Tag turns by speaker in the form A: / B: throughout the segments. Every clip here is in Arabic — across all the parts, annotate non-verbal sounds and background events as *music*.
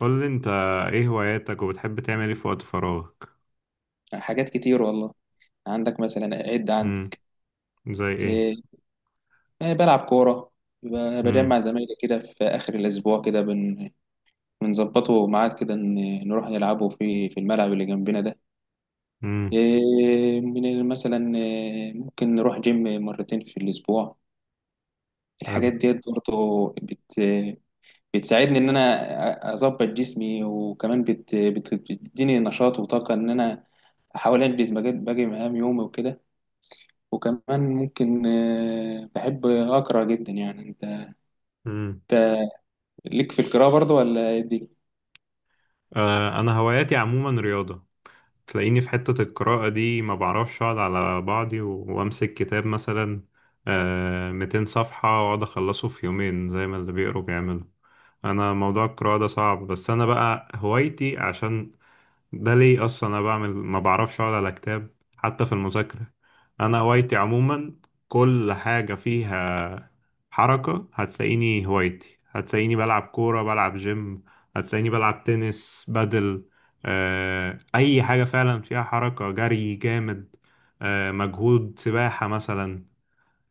A: قول لي انت، ايه هواياتك وبتحب تعمل ايه في وقت فراغك؟
B: حاجات كتير والله. عندك مثلا عد
A: امم.
B: عندي.
A: زي ايه.
B: إيه، يعني بلعب كورة.
A: امم.
B: بجمع زمايلي كده في آخر الأسبوع كده بنظبطه ميعاد كده إن نروح نلعبه في الملعب اللي جنبنا ده.
A: امم.
B: إيه مثلا إيه، ممكن نروح جيم مرتين في الأسبوع.
A: حلو.
B: الحاجات ديت برضه بتساعدني إن أنا أظبط جسمي، وكمان بتديني نشاط وطاقة إن أنا أحاول أنجز باقي مهام يومي وكده. وكمان ممكن، بحب أقرأ جدا. يعني
A: امم.
B: أنت ليك في القراءة برضه ولا إيه الدنيا؟
A: انا هواياتي عموما رياضة. تلاقيني في حتة القراءة دي ما بعرفش اقعد على بعضي و- وامسك كتاب مثلا 200 صفحة واقعد اخلصه في يومين زي ما اللي بيقروا بيعملوا. انا موضوع القراءة ده صعب، بس انا بقى هوايتي عشان ده ليه اصلا انا بعمل ما بعرفش اقعد على كتاب حتى في المذاكره. انا هوايتي عموما كل حاجه فيها حركه. هتلاقيني هوايتي، هتلاقيني بلعب كوره، بلعب جيم، هتلاقيني بلعب تنس، بدل، اي حاجه فعلا فيها حركه، جري جامد، مجهود، سباحه مثلا.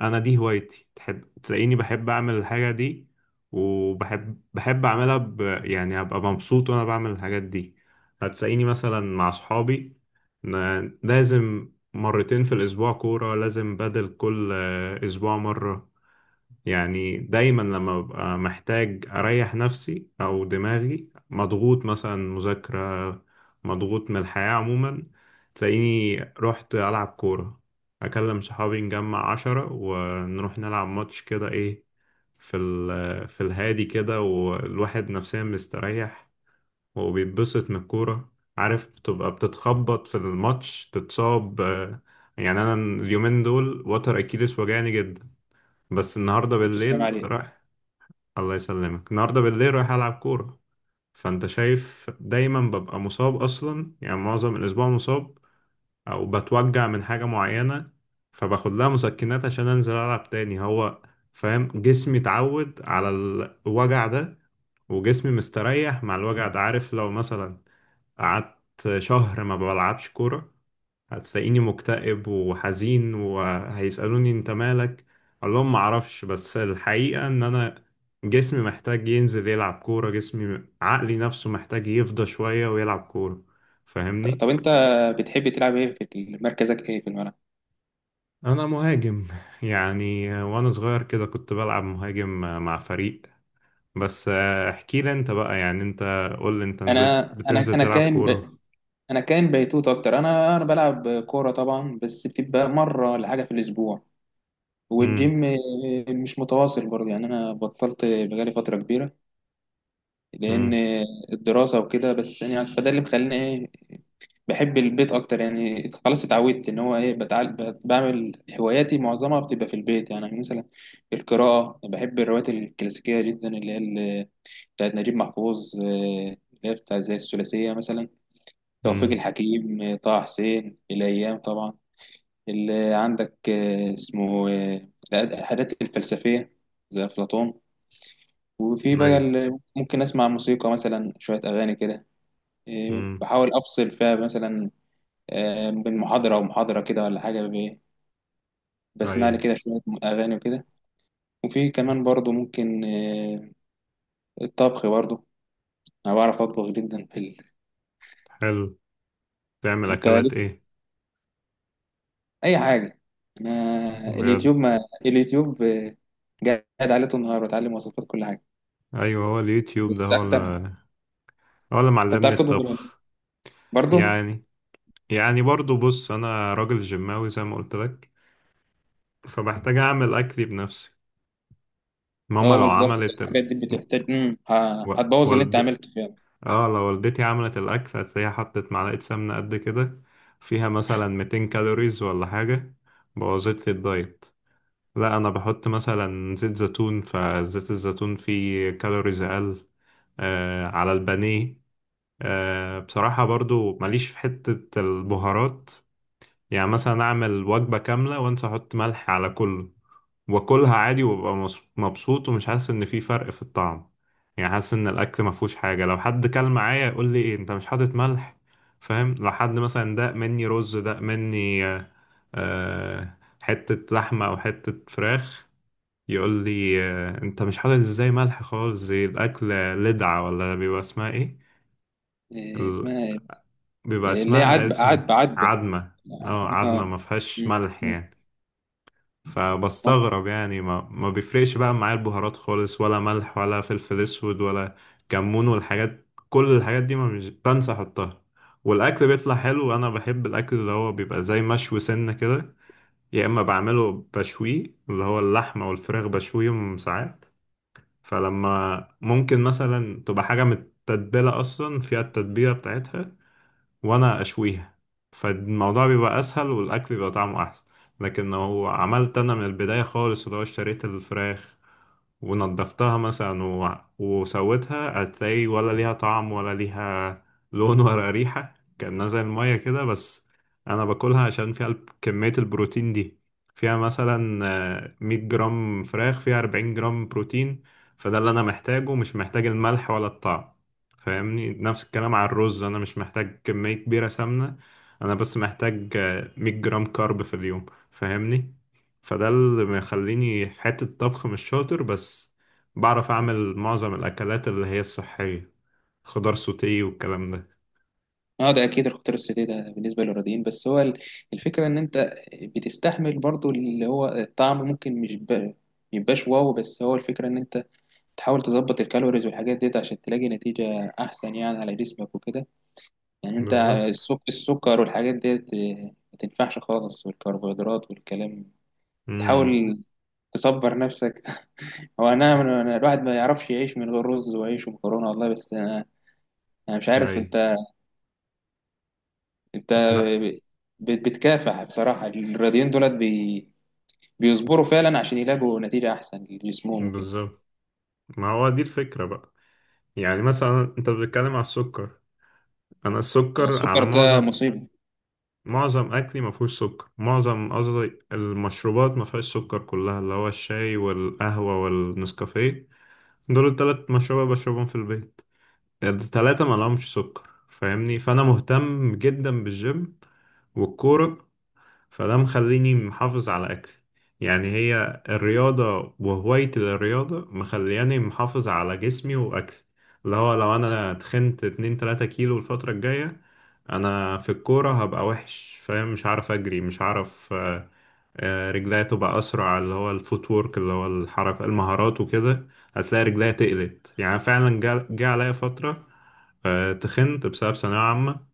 A: انا دي هوايتي، تحب تلاقيني بحب اعمل الحاجه دي، وبحب اعملها يعني ابقى مبسوط وانا بعمل الحاجات دي. هتلاقيني مثلا مع صحابي، لازم مرتين في الاسبوع كوره، لازم بدل كل اسبوع مره. يعني دايما لما ببقى محتاج أريح نفسي أو دماغي مضغوط، مثلا مذاكرة، مضغوط من الحياة عموما، تلاقيني رحت ألعب كورة. أكلم صحابي، نجمع عشرة ونروح نلعب ماتش كده، إيه، في ال في الهادي كده، والواحد نفسيا مستريح وبيتبسط من الكورة. عارف، بتبقى بتتخبط في الماتش، تتصاب، يعني أنا اليومين دول وتر أكيلس وجعني جدا. بس النهارده
B: ألف سلام
A: بالليل
B: عليك.
A: رايح. الله يسلمك. النهارده بالليل رايح العب كوره. فانت شايف دايما ببقى مصاب اصلا، يعني معظم الاسبوع مصاب او بتوجع من حاجه معينه، فباخد لها مسكنات عشان انزل العب تاني. هو فاهم، جسمي اتعود على الوجع ده وجسمي مستريح مع الوجع ده. عارف، لو مثلا قعدت شهر ما بلعبش كورة، هتلاقيني مكتئب وحزين، وهيسألوني انت مالك. اقول لهم معرفش، بس الحقيقة ان انا جسمي محتاج ينزل يلعب كورة، جسمي، عقلي، نفسه محتاج يفضى شوية ويلعب كورة.
B: طب
A: فاهمني؟
B: أنت بتحب تلعب إيه؟ في مركزك إيه في الملعب؟
A: انا مهاجم *laughs* يعني، وانا صغير كده كنت بلعب مهاجم مع فريق، بس. احكي لي انت بقى، يعني انت، قول لي انت
B: أنا.
A: نزلت
B: أنا
A: بتنزل
B: أنا
A: تلعب
B: كائن
A: كورة.
B: ب... أنا كائن بيتوت أكتر. أنا بلعب كورة طبعا، بس بتبقى مرة ولا حاجة في الأسبوع.
A: امم.
B: والجيم مش متواصل برضه، يعني أنا بطلت بقالي فترة كبيرة لأن
A: امم.
B: الدراسة وكده. بس يعني فده اللي مخليني إيه، بحب البيت أكتر. يعني خلاص اتعودت إن هو إيه، بتعال بعمل هواياتي معظمها بتبقى في البيت. يعني مثلا القراءة، بحب الروايات الكلاسيكية جدا اللي هي بتاعت نجيب محفوظ، اللي هي بتاع زي الثلاثية مثلا، توفيق
A: امم.
B: الحكيم، طه حسين الأيام طبعا، اللي عندك آه، اسمه آه، الحاجات الفلسفية زي أفلاطون. وفي
A: اي.
B: بقى ممكن أسمع موسيقى، مثلا شوية أغاني كده. إيه،
A: امم.
B: بحاول افصل فيها مثلا بين محاضره ومحاضره كده ولا حاجه،
A: اي.
B: بسمع لي كده شويه اغاني وكده. وفي كمان برضو ممكن الطبخ برضو. انا بعرف اطبخ جدا في ال...
A: حلو. تعمل
B: انت
A: اكلات
B: ليك
A: ايه؟
B: اي حاجه. انا
A: بجد؟
B: اليوتيوب، ما اليوتيوب قاعد عليه طول النهار بتعلم وصفات كل حاجه.
A: ايوه، هو اليوتيوب ده
B: بس
A: هو
B: اكتر انت
A: اللي، هو اللي معلمني
B: بتعرف تطبخ ولا لأ؟
A: الطبخ.
B: برضو.
A: يعني، يعني برضو بص، انا راجل جماوي زي ما قلت لك، فبحتاج اعمل اكلي بنفسي. ماما
B: اه
A: لو
B: بالظبط،
A: عملت
B: الحاجات دي بتحتاج
A: و...
B: هتبوظ اللي انت
A: والد...
B: عملته فيها.
A: اه لو والدتي عملت الاكل، هتلاقيها حطت معلقه سمنه قد كده فيها مثلا 200 كالوريز ولا حاجه، بوظت لي الدايت. لا انا بحط مثلا زيت زيتون، فزيت الزيتون فيه كالوريز اقل. على البانيه. بصراحة برضو ماليش في حتة البهارات. يعني مثلا أعمل وجبة كاملة وأنسى أحط ملح على كله، وأكلها عادي، وأبقى مبسوط، ومش حاسس إن في فرق في الطعم. يعني حاسس إن الأكل مفهوش حاجة. لو حد كل معايا يقول لي، إيه أنت مش حاطط ملح؟ فاهم؟ لو حد مثلا داق مني رز، داق مني حتة لحمة أو حتة فراخ، يقول لي أنت مش حاطط إزاي ملح خالص زي الأكل؟ لدعة ولا بيبقى اسمها إيه؟
B: إيه اسمها إيه؟
A: بيبقى
B: اللي هي
A: اسمها
B: عدبة
A: اسم.
B: عدبة عدبة.
A: عدمة. اه،
B: اه،
A: عدمة ما
B: آه.
A: فيهاش
B: مم.
A: ملح
B: مم.
A: يعني.
B: اه،
A: فبستغرب يعني، ما بيفرقش بقى معايا البهارات خالص ولا ملح ولا فلفل اسود ولا كمون والحاجات، كل الحاجات دي ما مش بنسى احطها. والاكل بيطلع حلو. انا بحب الاكل اللي هو بيبقى زي مشوي سنة كده. يا اما بعمله بشويه، اللي هو اللحمة والفراخ بشويهم ساعات. فلما ممكن مثلا تبقى حاجة متتبلة اصلا فيها التتبيلة بتاعتها، وانا اشويها، فالموضوع بيبقى اسهل والاكل بيبقى طعمه احسن. لكن لو عملت انا من البدايه خالص، اللي هو اشتريت الفراخ ونضفتها مثلا و... وسويتها، هتلاقي ولا ليها طعم ولا ليها لون *laughs* ولا ريحة، كأنها زي المية كده بس. أنا باكلها عشان فيها كمية البروتين دي، فيها مثلا 100 جرام فراخ فيها 40 جرام بروتين. فده اللي أنا محتاجه، مش محتاج الملح ولا الطعم. فاهمني؟ نفس الكلام على الرز، أنا مش محتاج كمية كبيرة سمنة، أنا بس محتاج 100 جرام كارب في اليوم. فاهمني؟ فده اللي مخليني في حتة الطبخ مش شاطر، بس بعرف أعمل معظم الأكلات اللي هي الصحية، خضار سوتيه والكلام ده.
B: ده اكيد الخطر السيتي ده بالنسبه للرياضيين. بس هو الفكره ان انت بتستحمل برضو اللي هو الطعم، ممكن مش ب- ميبقاش واو. بس هو الفكره ان انت تحاول تظبط الكالوريز والحاجات ديت عشان تلاقي نتيجه احسن يعني على جسمك وكده. يعني انت
A: بالظبط.
B: السكر والحاجات ديت ما تنفعش خالص، والكربوهيدرات والكلام.
A: امم.
B: تحاول تصبر نفسك *laughs* هو انا الواحد ما يعرفش يعيش من غير رز وعيش ومكرونه والله. بس انا مش عارف.
A: أي.
B: انت
A: لا.
B: بتكافح بصراحة. الرياضيين دولت بي... بيصبروا فعلا عشان يلاقوا نتيجة أحسن لجسمهم وكده.
A: بالظبط. ما هو دي الفكرة بقى. يعني مثلا أنت بتتكلم على السكر، أنا
B: طب
A: السكر على
B: السكر ده
A: معظم،
B: مصيبة.
A: معظم أكلي ما فيهوش سكر. معظم، قصدي، المشروبات ما فيهاش سكر، كلها اللي هو الشاي والقهوة والنسكافيه. دول التلات مشروبات بشربهم في البيت، التلاتة ما لهمش سكر. فاهمني؟ فانا مهتم جدا بالجيم والكورة، فده مخليني محافظ على أكلي. يعني هي الرياضة وهوايتي للرياضة مخلياني محافظ على جسمي وأكلي. اللي هو لو أنا تخنت اتنين تلاتة كيلو الفترة الجاية، أنا في الكورة هبقى وحش، فاهم؟ مش عارف أجري، مش عارف رجليا تبقى أسرع، اللي هو الفوت وورك، اللي هو الحركة، المهارات وكده. هتلاقي رجليا تقلت. يعني فعلا جا عليا فترة، تخنت بسبب ثانوية عامة،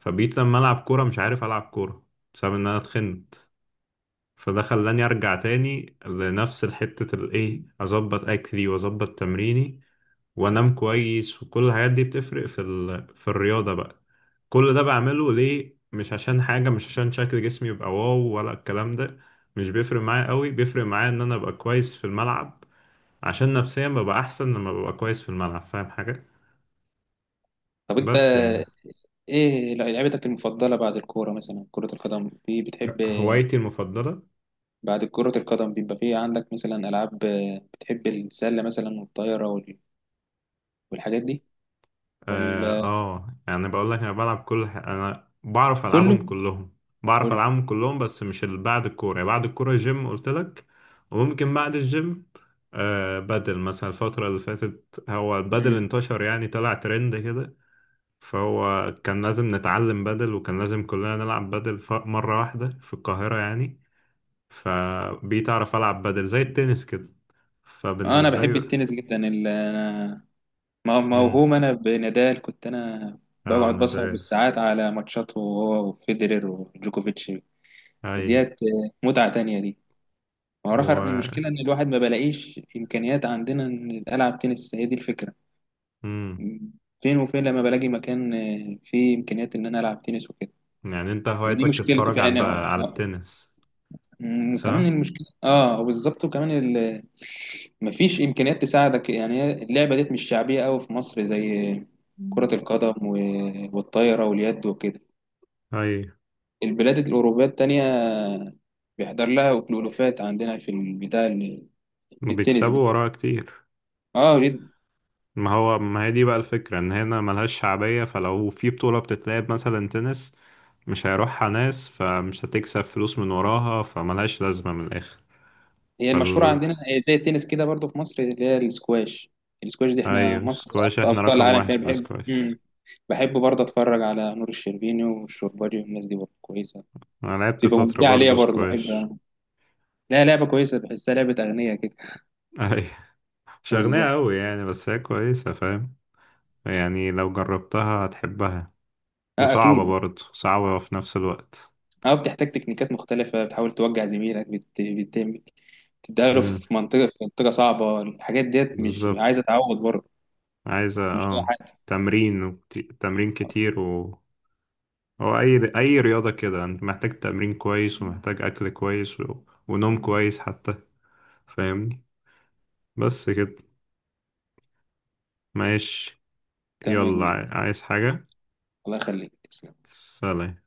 A: فبقيت لما ألعب كورة مش عارف ألعب كورة بسبب إن أنا تخنت. فده خلاني ارجع تاني لنفس الحتة، الايه، اظبط اكلي واظبط تمريني وانام كويس، وكل الحاجات دي بتفرق في في الرياضة بقى. كل ده بعمله ليه؟ مش عشان حاجة، مش عشان شكل جسمي يبقى واو ولا الكلام ده. مش بيفرق معايا قوي. بيفرق معايا ان انا ابقى كويس في الملعب، عشان نفسيا ببقى احسن لما ببقى كويس في الملعب. فاهم حاجة؟
B: طب أنت
A: بس يعني.
B: إيه لعبتك المفضلة بعد الكورة؟ مثلا كرة القدم، في بتحب
A: هوايتي المفضلة،
B: بعد كرة القدم؟ بيبقى في عندك مثلا ألعاب بتحب، السلة مثلا والطايرة وال... والحاجات دي،
A: اه،
B: ولا
A: يعني بقول لك انا بلعب كل انا بعرف العبهم
B: كله
A: كلهم، بعرف
B: كله؟
A: العبهم كلهم، بس مش بعد الكوره. يعني بعد الكوره جيم قلت لك، وممكن بعد الجيم بدل. مثلا الفتره اللي فاتت هو البدل
B: مم.
A: انتشر، يعني طلع ترند كده، فهو كان لازم نتعلم بدل، وكان لازم كلنا نلعب بدل. مره واحده في القاهره يعني، فبقيت اعرف العب بدل زي التنس كده.
B: أنا
A: فبالنسبه
B: بحب
A: لي.
B: التنس جدا ال... أنا
A: امم.
B: موهوم انا بنادال، كنت انا
A: اه،
B: بقعد بسهر
A: نادال.
B: بالساعات على ماتشاته هو وفيدرر وجوكوفيتش.
A: اي.
B: ديت متعة تانية دي. ما هو اخر
A: و
B: المشكلة ان الواحد ما بلاقيش امكانيات عندنا ان العب تنس، هي دي الفكرة.
A: مم.
B: فين وفين لما بلاقي مكان فيه امكانيات ان انا العب تنس وكده.
A: يعني انت
B: هي دي
A: هوايتك
B: مشكلته
A: تتفرج
B: فعلا،
A: على
B: يعني
A: على التنس،
B: وكمان
A: صح؟
B: المشكله. اه بالظبط، وكمان ال... مفيش امكانيات تساعدك. يعني هي اللعبه ديت مش شعبيه قوي في مصر زي كره
A: مم.
B: القدم والطايره واليد وكده،
A: اي.
B: البلاد الاوروبيه التانية بيحضر لها كلوفات عندنا في البتاع التنس دي.
A: وبيكسبوا وراها كتير.
B: اه جدا.
A: ما هو، ما هي دي بقى الفكرة، ان هنا ملهاش شعبية. فلو في بطولة بتتلعب مثلا تنس مش هيروحها ناس، فمش هتكسب فلوس من وراها، فملهاش لازمة من الآخر.
B: هي المشهوره
A: فال
B: عندنا هي زي التنس كده برضو في مصر اللي هي السكواش. السكواش دي احنا
A: ايوه
B: مصر
A: سكواش، احنا
B: ابطال
A: رقم
B: العالم فيها.
A: واحد في
B: بحب.
A: السكواش.
B: مم. بحب برضه اتفرج على نور الشربيني والشرباجي والناس دي برضه كويسه.
A: انا لعبت
B: تبقى
A: فترة
B: ممتعة ليا
A: برضو
B: برضه بحبها
A: سكواش.
B: أنا. لا، لعبة كويسة، بحسها لعبة أغنية كده.
A: *laughs* اي.
B: *laughs*
A: مش
B: بالظبط.
A: أغنية أوي يعني، بس هي كويسة، فاهم؟ يعني لو جربتها هتحبها.
B: اه
A: وصعبة
B: أكيد.
A: برضه، صعبة في نفس الوقت.
B: اه، بتحتاج تكنيكات مختلفة، بتحاول توجع زميلك، بت... بتعمل تداله
A: امم.
B: في منطقة صعبة. الحاجات ديت مش عايزة
A: بالظبط.
B: تعود برضه،
A: عايزة
B: مش أي
A: اه،
B: حد.
A: تمرين وكتير. تمرين
B: آه،
A: كتير و. هو أي أي رياضة كده أنت محتاج تمرين كويس، ومحتاج أكل كويس ونوم كويس حتى. فاهمني؟ بس كده. ماشي.
B: تمام يا
A: يلا،
B: كبير.
A: عايز حاجة؟
B: الله يخليك، تسلم.
A: سلام.